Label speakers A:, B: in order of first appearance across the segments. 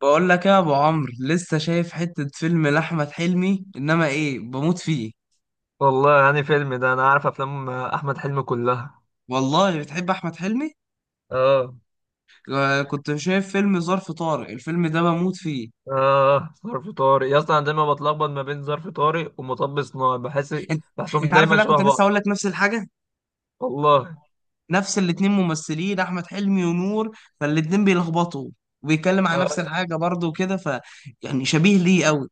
A: بقول لك يا ابو عمرو، لسه شايف حتة فيلم لاحمد حلمي. انما ايه، بموت فيه.
B: والله يعني فيلم ده انا عارف افلام احمد حلمي كلها.
A: والله بتحب احمد حلمي؟
B: اه.
A: آه، كنت شايف فيلم ظرف طارق، الفيلم ده بموت فيه.
B: اه، ظرف طارق يا اسطى، انا دايما بتلخبط ما بين ظرف طارق ومطب صناعي. بحس
A: انت.
B: بحسهم
A: انت عارف
B: دايما
A: اللي انا كنت
B: شبه
A: لسه
B: بعض.
A: هقول لك نفس الحاجة.
B: والله.
A: نفس الاتنين ممثلين، احمد حلمي ونور، فالاتنين بيلخبطوا وبيتكلم عن نفس
B: اه.
A: الحاجة برضه وكده، يعني شبيه ليه قوي.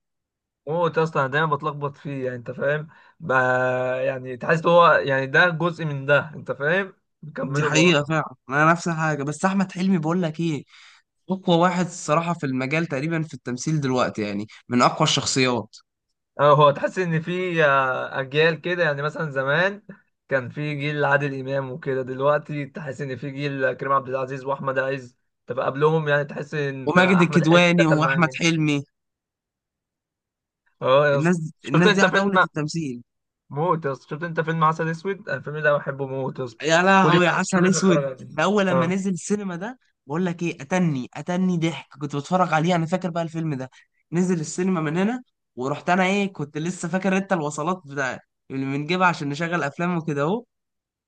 B: موت يا اسطى، انا دايما بتلخبط فيه، يعني انت فاهم. ب... يعني تحس هو، يعني ده جزء من ده، انت فاهم.
A: دي
B: بيكملوا بعض.
A: حقيقة فعلا، انا نفس الحاجة. بس احمد حلمي، بقول لك ايه، اقوى واحد الصراحة في المجال تقريبا في التمثيل دلوقتي، يعني من اقوى الشخصيات.
B: اه، هو تحس ان في اجيال كده، يعني مثلا زمان كان في جيل عادل امام وكده، دلوقتي تحس ان في جيل كريم عبد العزيز واحمد عز. طب قبلهم، يعني تحس ان
A: وماجد
B: احمد حلمي
A: الكدواني
B: دخل
A: واحمد
B: معاهم.
A: حلمي،
B: اه يا
A: الناس
B: اسطى،
A: دي
B: شفت
A: الناس دي
B: انت فيلم؟
A: عتاولة التمثيل.
B: موت يا اسطى، شفت انت فيلم عسل اسود؟ الفيلم ده بحبه موت يا اسطى.
A: يا
B: كل
A: لهوي يا
B: ما
A: عسل
B: لازم اتفرج
A: اسود
B: عليه.
A: ده، اول لما
B: اه.
A: نزل السينما ده، بقول لك ايه، اتني ضحك كنت بتفرج عليه. انا فاكر بقى الفيلم ده، نزل السينما من هنا، ورحت انا، ايه، كنت لسه فاكر انت الوصلات بتاع اللي بنجيبها عشان نشغل افلام وكده.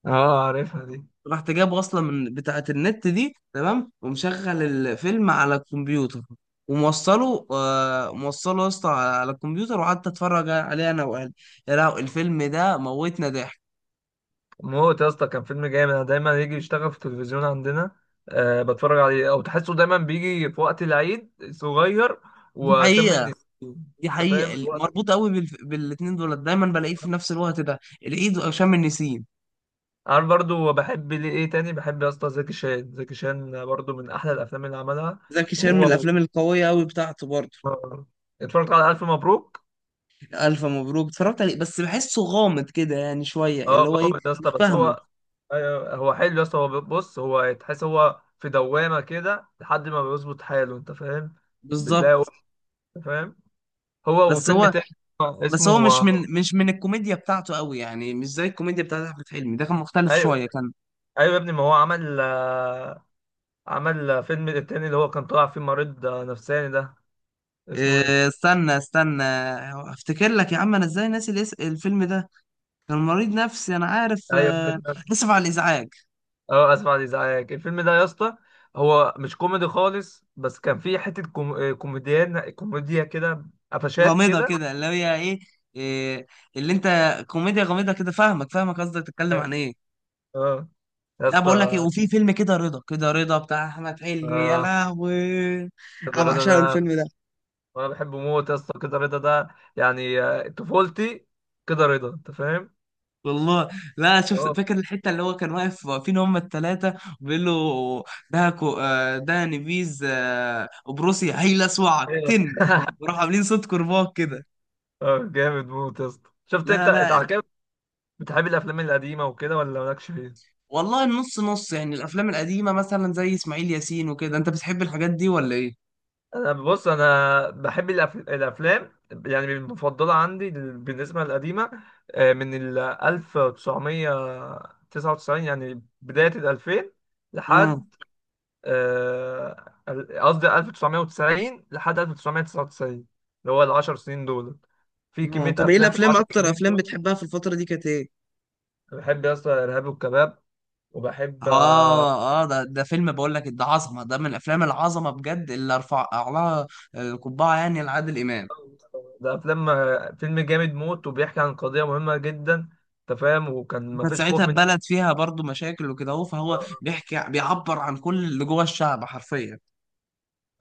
B: اه، عارفها دي.
A: رحت جابه اصلا من بتاعه النت دي، تمام، ومشغل الفيلم على الكمبيوتر، وموصله آه موصله يا اسطى على الكمبيوتر، وقعدت اتفرج عليه انا واهلي. يا لهوي الفيلم ده موتنا ضحك.
B: موت يا اسطى، كان فيلم جامد. انا دايما يجي يشتغل في التلفزيون عندنا. أه، بتفرج عليه، او تحسه دايما بيجي في وقت العيد صغير
A: دي
B: وشم
A: حقيقة
B: النسيم.
A: دي
B: انت
A: حقيقة
B: فاهم الوقت.
A: مربوط قوي بالاتنين دول، دايما بلاقيه في نفس الوقت ده، العيد وهشام النسيم.
B: عارف برضو بحب ليه ايه تاني؟ بحب يا اسطى زكي شان. زكي شان برضو من احلى الافلام اللي عملها.
A: زكي شان من
B: هو و-
A: الافلام القوية قوي بتاعته برضه.
B: آه. اتفرجت على الف مبروك.
A: الف مبروك اتفرجت عليه، بس بحسه غامض كده يعني شوية،
B: اه
A: اللي هو ايه،
B: جامد يا اسطى،
A: مش
B: بس
A: فاهمه.
B: هو، ايوه هو حلو يا اسطى. هو، بص، هو تحس هو في دوامه كده لحد ما بيظبط حاله، انت فاهم. بتلاقي،
A: بالظبط.
B: انت فاهم، هو
A: بس
B: وفيلم
A: هو
B: تاني
A: بس
B: اسمه.
A: هو مش من الكوميديا بتاعته قوي، يعني مش زي الكوميديا بتاعت احمد حلمي. ده كان مختلف
B: ايوه.
A: شويه، كان،
B: ايوه يا ابني، ما هو عمل عمل فيلم التاني، اللي هو كان طالع فيه مريض نفساني ده. اسمه ايه؟
A: آه، استنى استنى، افتكر لك يا عم، انا ازاي ناسي الفيلم ده. كان مريض نفسي انا عارف
B: ايوه، مريض
A: آه،
B: نفسي.
A: اسف على الازعاج.
B: اه، اسف على الازعاج. الفيلم ده يا اسطى هو مش كوميدي خالص، بس كان فيه حتة كوميديا كده، قفشات
A: غامضه
B: كده.
A: كده، اللي هي ايه، آه، اللي انت، كوميديا غامضه كده، فاهمك فاهمك قصدك تتكلم عن ايه.
B: اه يا
A: لا، بقول لك ايه،
B: اسطى.
A: وفي فيلم كده رضا كده رضا، بتاع احمد حلمي. يا
B: آه،
A: لهوي،
B: كده
A: انا
B: رضا
A: بعشقه
B: ده
A: الفيلم ده.
B: انا بحبه موت يا اسطى. كده رضا ده، يعني طفولتي. كده رضا، انت فاهم؟
A: والله. لا، شفت
B: اه.
A: فاكر الحته اللي هو كان واقف، واقفين هم الثلاثه، وبيقول له: ده نبيذ، بروسيا هيلسوعك
B: ايوه
A: تن، وراح عاملين صوت كرباج كده.
B: اه جامد موت يا اسطى. شفت
A: لا
B: انت
A: لا.
B: على كده بتحب الافلام القديمه وكده، ولا مالكش فيها؟
A: والله النص نص يعني، الافلام القديمه مثلا زي اسماعيل ياسين وكده، انت بتحب الحاجات دي ولا ايه؟
B: انا، بص، انا بحب الافلام، يعني المفضله عندي بالنسبه للقديمه، من ال 1999، يعني بدايه ال 2000
A: اه
B: لحد، قصدي 1990 لحد 1999، اللي هو العشر سنين دول. في
A: اه،
B: كميه
A: طب ايه
B: افلام في
A: الافلام،
B: العشر
A: اكتر
B: سنين
A: افلام
B: دول.
A: بتحبها في الفتره دي كانت ايه؟
B: أنا بحب يا اسطى ارهاب والكباب، وبحب.
A: اه اه، ده فيلم بقول لك، ده عظمه، ده من الافلام العظمه بجد اللي ارفع لها القبعه، يعني لعادل امام.
B: ده فيلم، فيلم جامد موت، وبيحكي عن قضية مهمة جدا، انت فاهم. وكان
A: كانت
B: مفيش
A: ساعتها
B: خوف من.
A: البلد فيها برضو مشاكل وكده اهو، فهو
B: آه.
A: بيحكي، بيعبر عن كل اللي جوه الشعب حرفيا.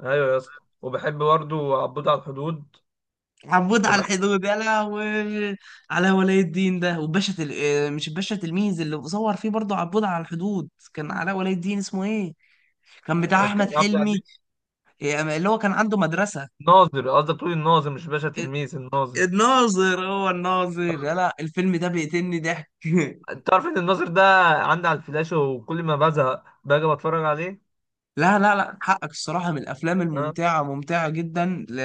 B: ايوه يا اسطى، وبحب برضه عبود على الحدود.
A: عبود على
B: وبحب
A: الحدود يا لهوي، على ولي الدين ده وباشا تل... آه، مش الباشا تلميذ اللي صور فيه برضو عبود على الحدود، كان علاء ولي الدين. اسمه ايه؟ كان بتاع احمد
B: كريم عبد العزيز.
A: حلمي. آه، اللي هو كان عنده مدرسة.
B: ناظر، قصدك تقول الناظر، مش باشا
A: آه،
B: تلميذ، الناظر.
A: الناظر. هو الناظر يا لا، الفيلم ده بيقتلني ضحك
B: انت عارف ان الناظر ده عندي على الفلاش، وكل ما بزهق باجي بتفرج عليه.
A: لا لا لا، حقك الصراحة، من الأفلام
B: اه.
A: الممتعة، ممتعة جدا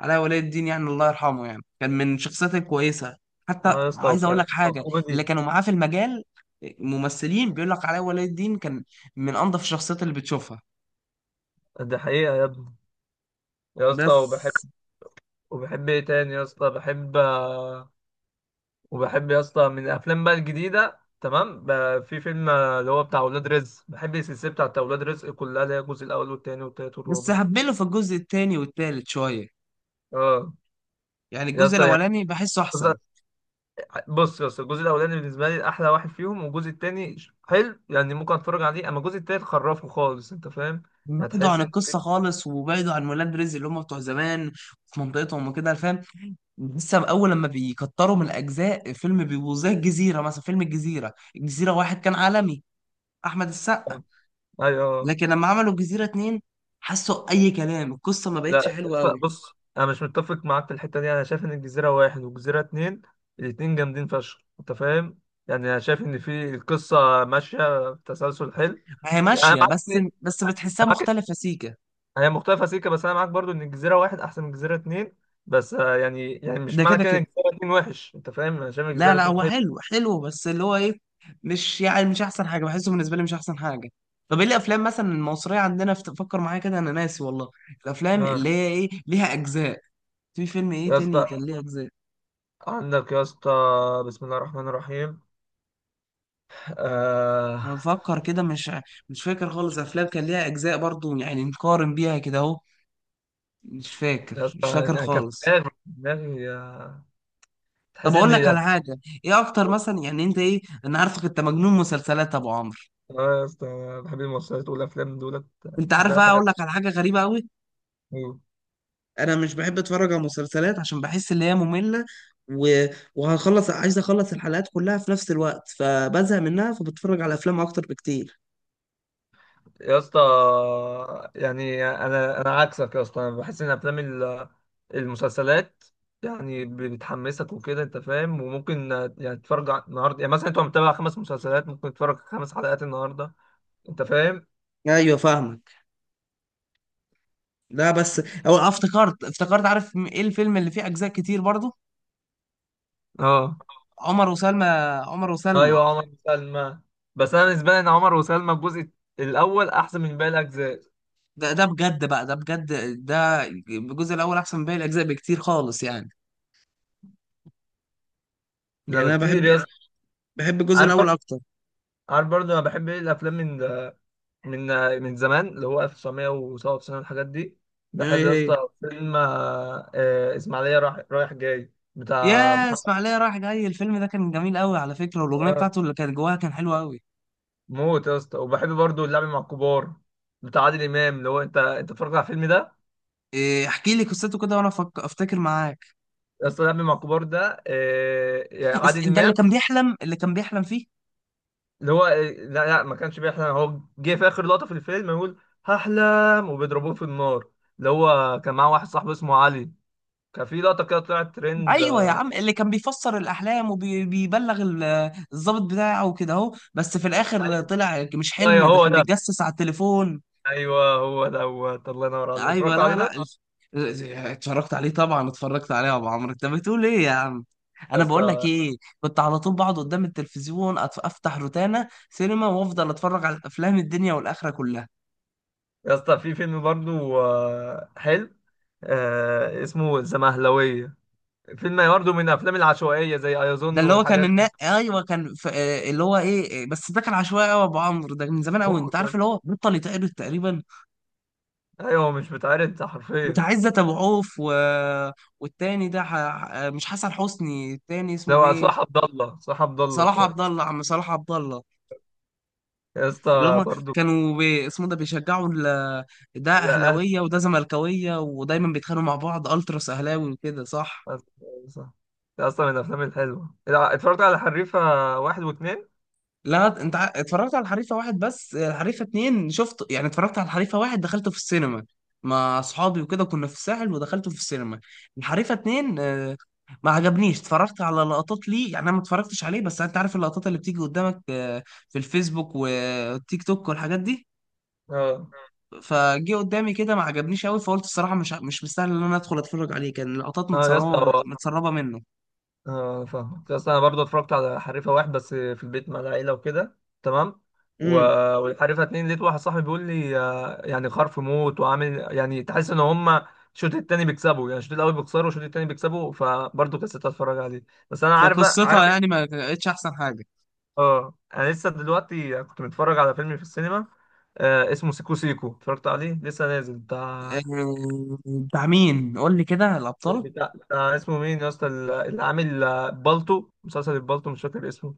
A: علاء ولي الدين يعني، الله يرحمه، يعني كان من الشخصيات الكويسة. حتى
B: اه يا اسطى،
A: عايز أقول لك حاجة، اللي
B: وكوميدي.
A: كانوا معاه في المجال ممثلين بيقول لك علاء ولي الدين كان من أنظف الشخصيات اللي بتشوفها.
B: ده حقيقة يا ابني. يا اسطى وبحب،
A: بس
B: وبحب ايه تاني يا اسطى، بحب، وبحب يا اسطى من الافلام بقى الجديده تمام، في فيلم اللي هو بتاع اولاد رزق. بحب السلسله بتاعت اولاد رزق كلها، اللي هي الجزء الاول والثاني والثالث
A: بس
B: والرابع.
A: هبله في الجزء التاني والتالت شوية،
B: اه
A: يعني
B: يا
A: الجزء
B: اسطى، يعني
A: الأولاني بحسه
B: قصة-
A: أحسن.
B: بص يا اسطى، الجزء الاولاني بالنسبه لي احلى واحد فيهم، والجزء الثاني حلو، يعني ممكن اتفرج عليه، اما الجزء الثالث خرفه خالص، انت فاهم. يعني
A: بعيدوا عن
B: تحس ان في-
A: القصة خالص، وبعيدوا عن ولاد رزق اللي هم بتوع زمان، في منطقتهم وكده، فاهم. لسه اول لما بيكتروا من الاجزاء فيلم، بيبقوا زي الجزيره مثلا. فيلم الجزيره، الجزيره واحد كان عالمي، احمد السقا.
B: آه، ايوه.
A: لكن لما عملوا الجزيره اتنين، حسوا اي كلام، القصه ما بقتش
B: لا
A: حلوه
B: ف-
A: قوي.
B: بص، انا مش متفق معاك في الحته دي. انا شايف ان الجزيره واحد والجزيره اتنين، الاتنين جامدين فشخ، انت فاهم. يعني انا شايف ان في القصه ماشيه بتسلسل حلو.
A: هي
B: يعني انا
A: ماشيه
B: معاك،
A: بس بس بتحسها
B: معاك
A: مختلفه سيكا.
B: هي مختلفه سيكه، بس انا معاك برضو ان الجزيره واحد احسن من الجزيره اتنين. بس يعني، يعني مش
A: ده
B: معنى
A: كده
B: كده
A: كده.
B: ان الجزيره اتنين وحش، انت فاهم، انا شايف
A: لا
B: الجزيره
A: لا،
B: اتنين
A: هو
B: حلو.
A: حلو حلو، بس اللي هو ايه، مش احسن حاجه، بحسه بالنسبه لي مش احسن حاجه. طب ايه الافلام مثلا المصريه عندنا، فكر معايا كده، انا ناسي والله، الافلام اللي
B: آه.
A: هي ايه ليها اجزاء. في فيلم ايه
B: يا
A: تاني
B: اسطى
A: كان ليه اجزاء؟
B: عندك يا اسطى، بسم الله الرحمن الرحيم. آه.
A: انا بفكر كده، مش فاكر خالص افلام كان ليها اجزاء برضو، يعني نقارن بيها كده اهو. مش
B: يا
A: فاكر مش
B: اسطى،
A: فاكر
B: يعني كان في
A: خالص.
B: دماغي، دماغي، آه، تحس
A: طب
B: ان
A: اقول لك على حاجه، ايه اكتر مثلا يعني، انت ايه، انا عارفك انت مجنون مسلسلات يا ابو عمرو.
B: اه. يا اسطى، انا بحب المسلسلات والافلام دولت
A: انت
B: بالنسبه
A: عارف
B: لي
A: بقى، اقول
B: حاجه.
A: لك على حاجه غريبه قوي.
B: أيوة.
A: انا مش بحب اتفرج على مسلسلات عشان بحس ان هي ممله، و... عايز اخلص الحلقات كلها في نفس الوقت، فبزهق منها، فبتفرج على افلام اكتر بكتير.
B: يا اسطى يعني، انا عكسك يا اسطى. انا بحس ان افلام المسلسلات يعني بتحمسك وكده، انت فاهم، وممكن يعني النهارده، يعني مثلا انت متابع خمس مسلسلات، ممكن تتفرج خمس حلقات النهارده، انت فاهم.
A: ايوه فاهمك. لا بس، او افتكرت افتكرت، عارف، ايه الفيلم اللي فيه اجزاء كتير برضو،
B: اه.
A: عمر وسلمى. عمر وسلمى.
B: ايوه، عمر وسلمى. بس انا بالنسبه لي ان عمر وسلمى الجزء الاول احسن من باقي الاجزاء
A: ده بجد بقى، ده بجد، ده الجزء الاول احسن من باقي الاجزاء بكتير خالص يعني.
B: ده
A: يعني انا
B: بكتير
A: بحب
B: يا اسطى.
A: بحب الجزء
B: عارف
A: الاول
B: بر-
A: اكتر.
B: عارف برضه انا بحب ايه الافلام، من من زمان، اللي هو 1997 والحاجات دي.
A: هي
B: بحب يا
A: هي
B: اسطى فيلم، اسماعيليه رايح جاي بتاع
A: يا
B: محمد.
A: اسماعيليه رايح جاي، الفيلم ده كان جميل قوي على فكره، والاغنيه
B: آه،
A: بتاعته اللي كانت جواها كان حلوه قوي.
B: موت يا اسطى. وبحب برضو اللعب مع الكبار بتاع عادل امام. اللي هو، انت، اتفرجت على الفيلم ده؟
A: إيه، احكي لي قصته كده وانا افتكر معاك.
B: يا اسطى، اللعب مع الكبار ده يعني عادل
A: ده اللي
B: امام،
A: كان بيحلم اللي كان بيحلم فيه.
B: اللي هو لا لا، ما كانش بيحلم. هو جه في اخر لقطه في الفيلم يقول هحلم، وبيضربوه في النار. اللي هو كان معاه واحد صاحبه اسمه علي، كان في لقطه كده طلعت ترند
A: ايوه يا عم، اللي كان بيفسر الاحلام وبيبلغ الضابط بتاعه وكده اهو، بس في الاخر طلع مش حلم،
B: ايوه
A: ده
B: هو
A: كان
B: ده.
A: بيتجسس على التليفون.
B: ايوه هو دوت. الله ينور عليك.
A: ايوه،
B: اتفرجت
A: لا
B: عليه
A: لا،
B: ده
A: اتفرجت عليه طبعا، اتفرجت عليه يا ابو عمرو، انت بتقول ايه يا عم.
B: يا
A: انا بقول لك
B: اسطى.
A: ايه، كنت على طول بقعد قدام التلفزيون، افتح روتانا سينما وافضل اتفرج على الافلام الدنيا والاخره كلها.
B: يا اسطى، في فيلم برضه حلو، آه، اسمه الزمهلوية. فيلم برضه من الافلام العشوائية، زي
A: ده
B: ايظن
A: اللي هو كان
B: والحاجات دي.
A: ايوه، كان ف... آه، اللي هو ايه، بس ده كان عشوائي قوي يا ابو عمرو، ده من زمان قوي،
B: موت.
A: انت عارف
B: بس
A: اللي هو بطل يتقلد تقريبا،
B: ايوه، هو مش بتعرض ده حرفيا.
A: بتاع عزت ابو عوف والتاني ده ح... آه، مش حسن حسني، التاني اسمه
B: لو
A: ايه؟
B: صح عبد الله، صح عبد الله،
A: صلاح
B: طيب.
A: عبد الله، عم صلاح عبد الله،
B: يا
A: اللي
B: اسطى
A: هم
B: برضه.
A: كانوا اسمه ده، بيشجعوا ده
B: يا اهل،
A: اهلاويه وده زملكاويه، ودايما بيتخانقوا مع بعض التراس اهلاوي وكده صح.
B: صح، ده اصلا من الافلام الحلوه. اتفرجت على حريفه واحد واثنين.
A: لا، انت اتفرجت على الحريفه واحد، بس الحريفه اتنين شفت يعني، اتفرجت على الحريفه واحد دخلته في السينما مع اصحابي وكده، كنا في الساحل ودخلته في السينما. الحريفه اتنين، ما عجبنيش، اتفرجت على لقطات ليه يعني، انا ما اتفرجتش عليه، بس انت عارف اللقطات اللي بتيجي قدامك، في الفيسبوك والتيك توك والحاجات دي،
B: اه.
A: فجه قدامي كده ما عجبنيش قوي، فقلت الصراحه مش مستاهل ان انا ادخل اتفرج عليه، كان لقطات
B: اه يا اسطى.
A: متسربه متسربه منه.
B: اه فاهمك، بس انا برضو اتفرجت على حريفه واحد بس في البيت مع العيله وكده. تمام. و...
A: امم.
B: والحريفه اتنين لقيت واحد صاحبي بيقول لي يعني خرف موت، وعامل يعني تحس ان هما الشوط التاني بيكسبوا، يعني الشوط الاول بيخسروا والشوط التاني بيكسبوا، فبرضه كسلت اتفرج عليه. بس انا عارف بقى،
A: فقصتها
B: عارف.
A: يعني ما كانتش احسن حاجه.
B: اه. اه، انا لسه دلوقتي كنت متفرج على فيلم في السينما، آه، اسمه سيكو سيكو. اتفرجت عليه لسه نازل بتاع.
A: آه، بتاع مين؟ قول لي كده الابطال.
B: بتاع اسمه مين يا اسطى، اللي عامل بالطو، مسلسل البالطو، مش فاكر اسمه.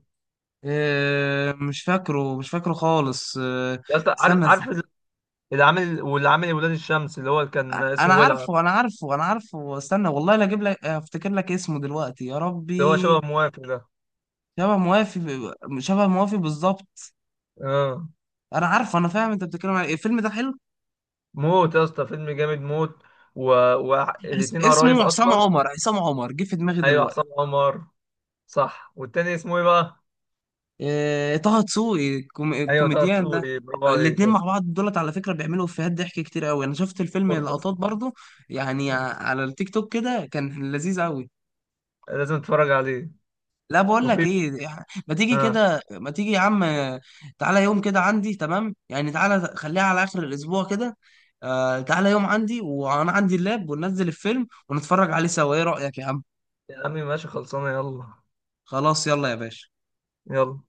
A: آه، مش فاكره مش فاكره خالص آه،
B: يا اسطى، عارف،
A: استنى
B: عارف
A: استنى.
B: اللي عامل، واللي عامل ولاد الشمس، اللي هو اللي كان اسمه
A: انا
B: ولع،
A: عارفه انا عارفه انا عارفه، استنى والله، لا اجيب لك، افتكر لك اسمه دلوقتي يا
B: اللي هو
A: ربي.
B: شبه موافق ده.
A: شبه موافي، شبه موافي بالظبط.
B: اه،
A: انا عارفه، انا فاهم انت بتتكلم عن إيه. الفيلم ده حلو.
B: موت يا اسطى، فيلم جامد موت. و... والاتنين قرايب
A: اسمه حسام
B: اصلا.
A: عمر، حسام عمر جه في دماغي
B: ايوه،
A: دلوقتي.
B: عصام عمر. صح، والتاني اسمه ايه بقى؟
A: آه، طه دسوقي،
B: ايوه طه
A: الكوميديان ده.
B: دسوقي، برافو عليك
A: الاتنين
B: يا
A: مع
B: اسطى.
A: بعض دولت على فكرة بيعملوا افيهات ضحك كتير قوي، انا شفت الفيلم
B: موت يا اسطى.
A: لقطات برضو، يعني
B: آه.
A: على التيك توك كده، كان لذيذ قوي.
B: لازم تتفرج عليه.
A: لا، بقول لك
B: وفي.
A: ايه، يعني ما تيجي
B: اه
A: كده، ما تيجي يا عم، تعالى يوم كده عندي، تمام يعني، تعالى خليها على اخر الاسبوع كده. آه تعالى يوم عندي وانا عندي اللاب، وننزل الفيلم ونتفرج عليه سوا، ايه رأيك يا عم؟
B: يا عمي، ماشي، خلصانه، يلا.
A: خلاص، يلا يا باشا.
B: يلا.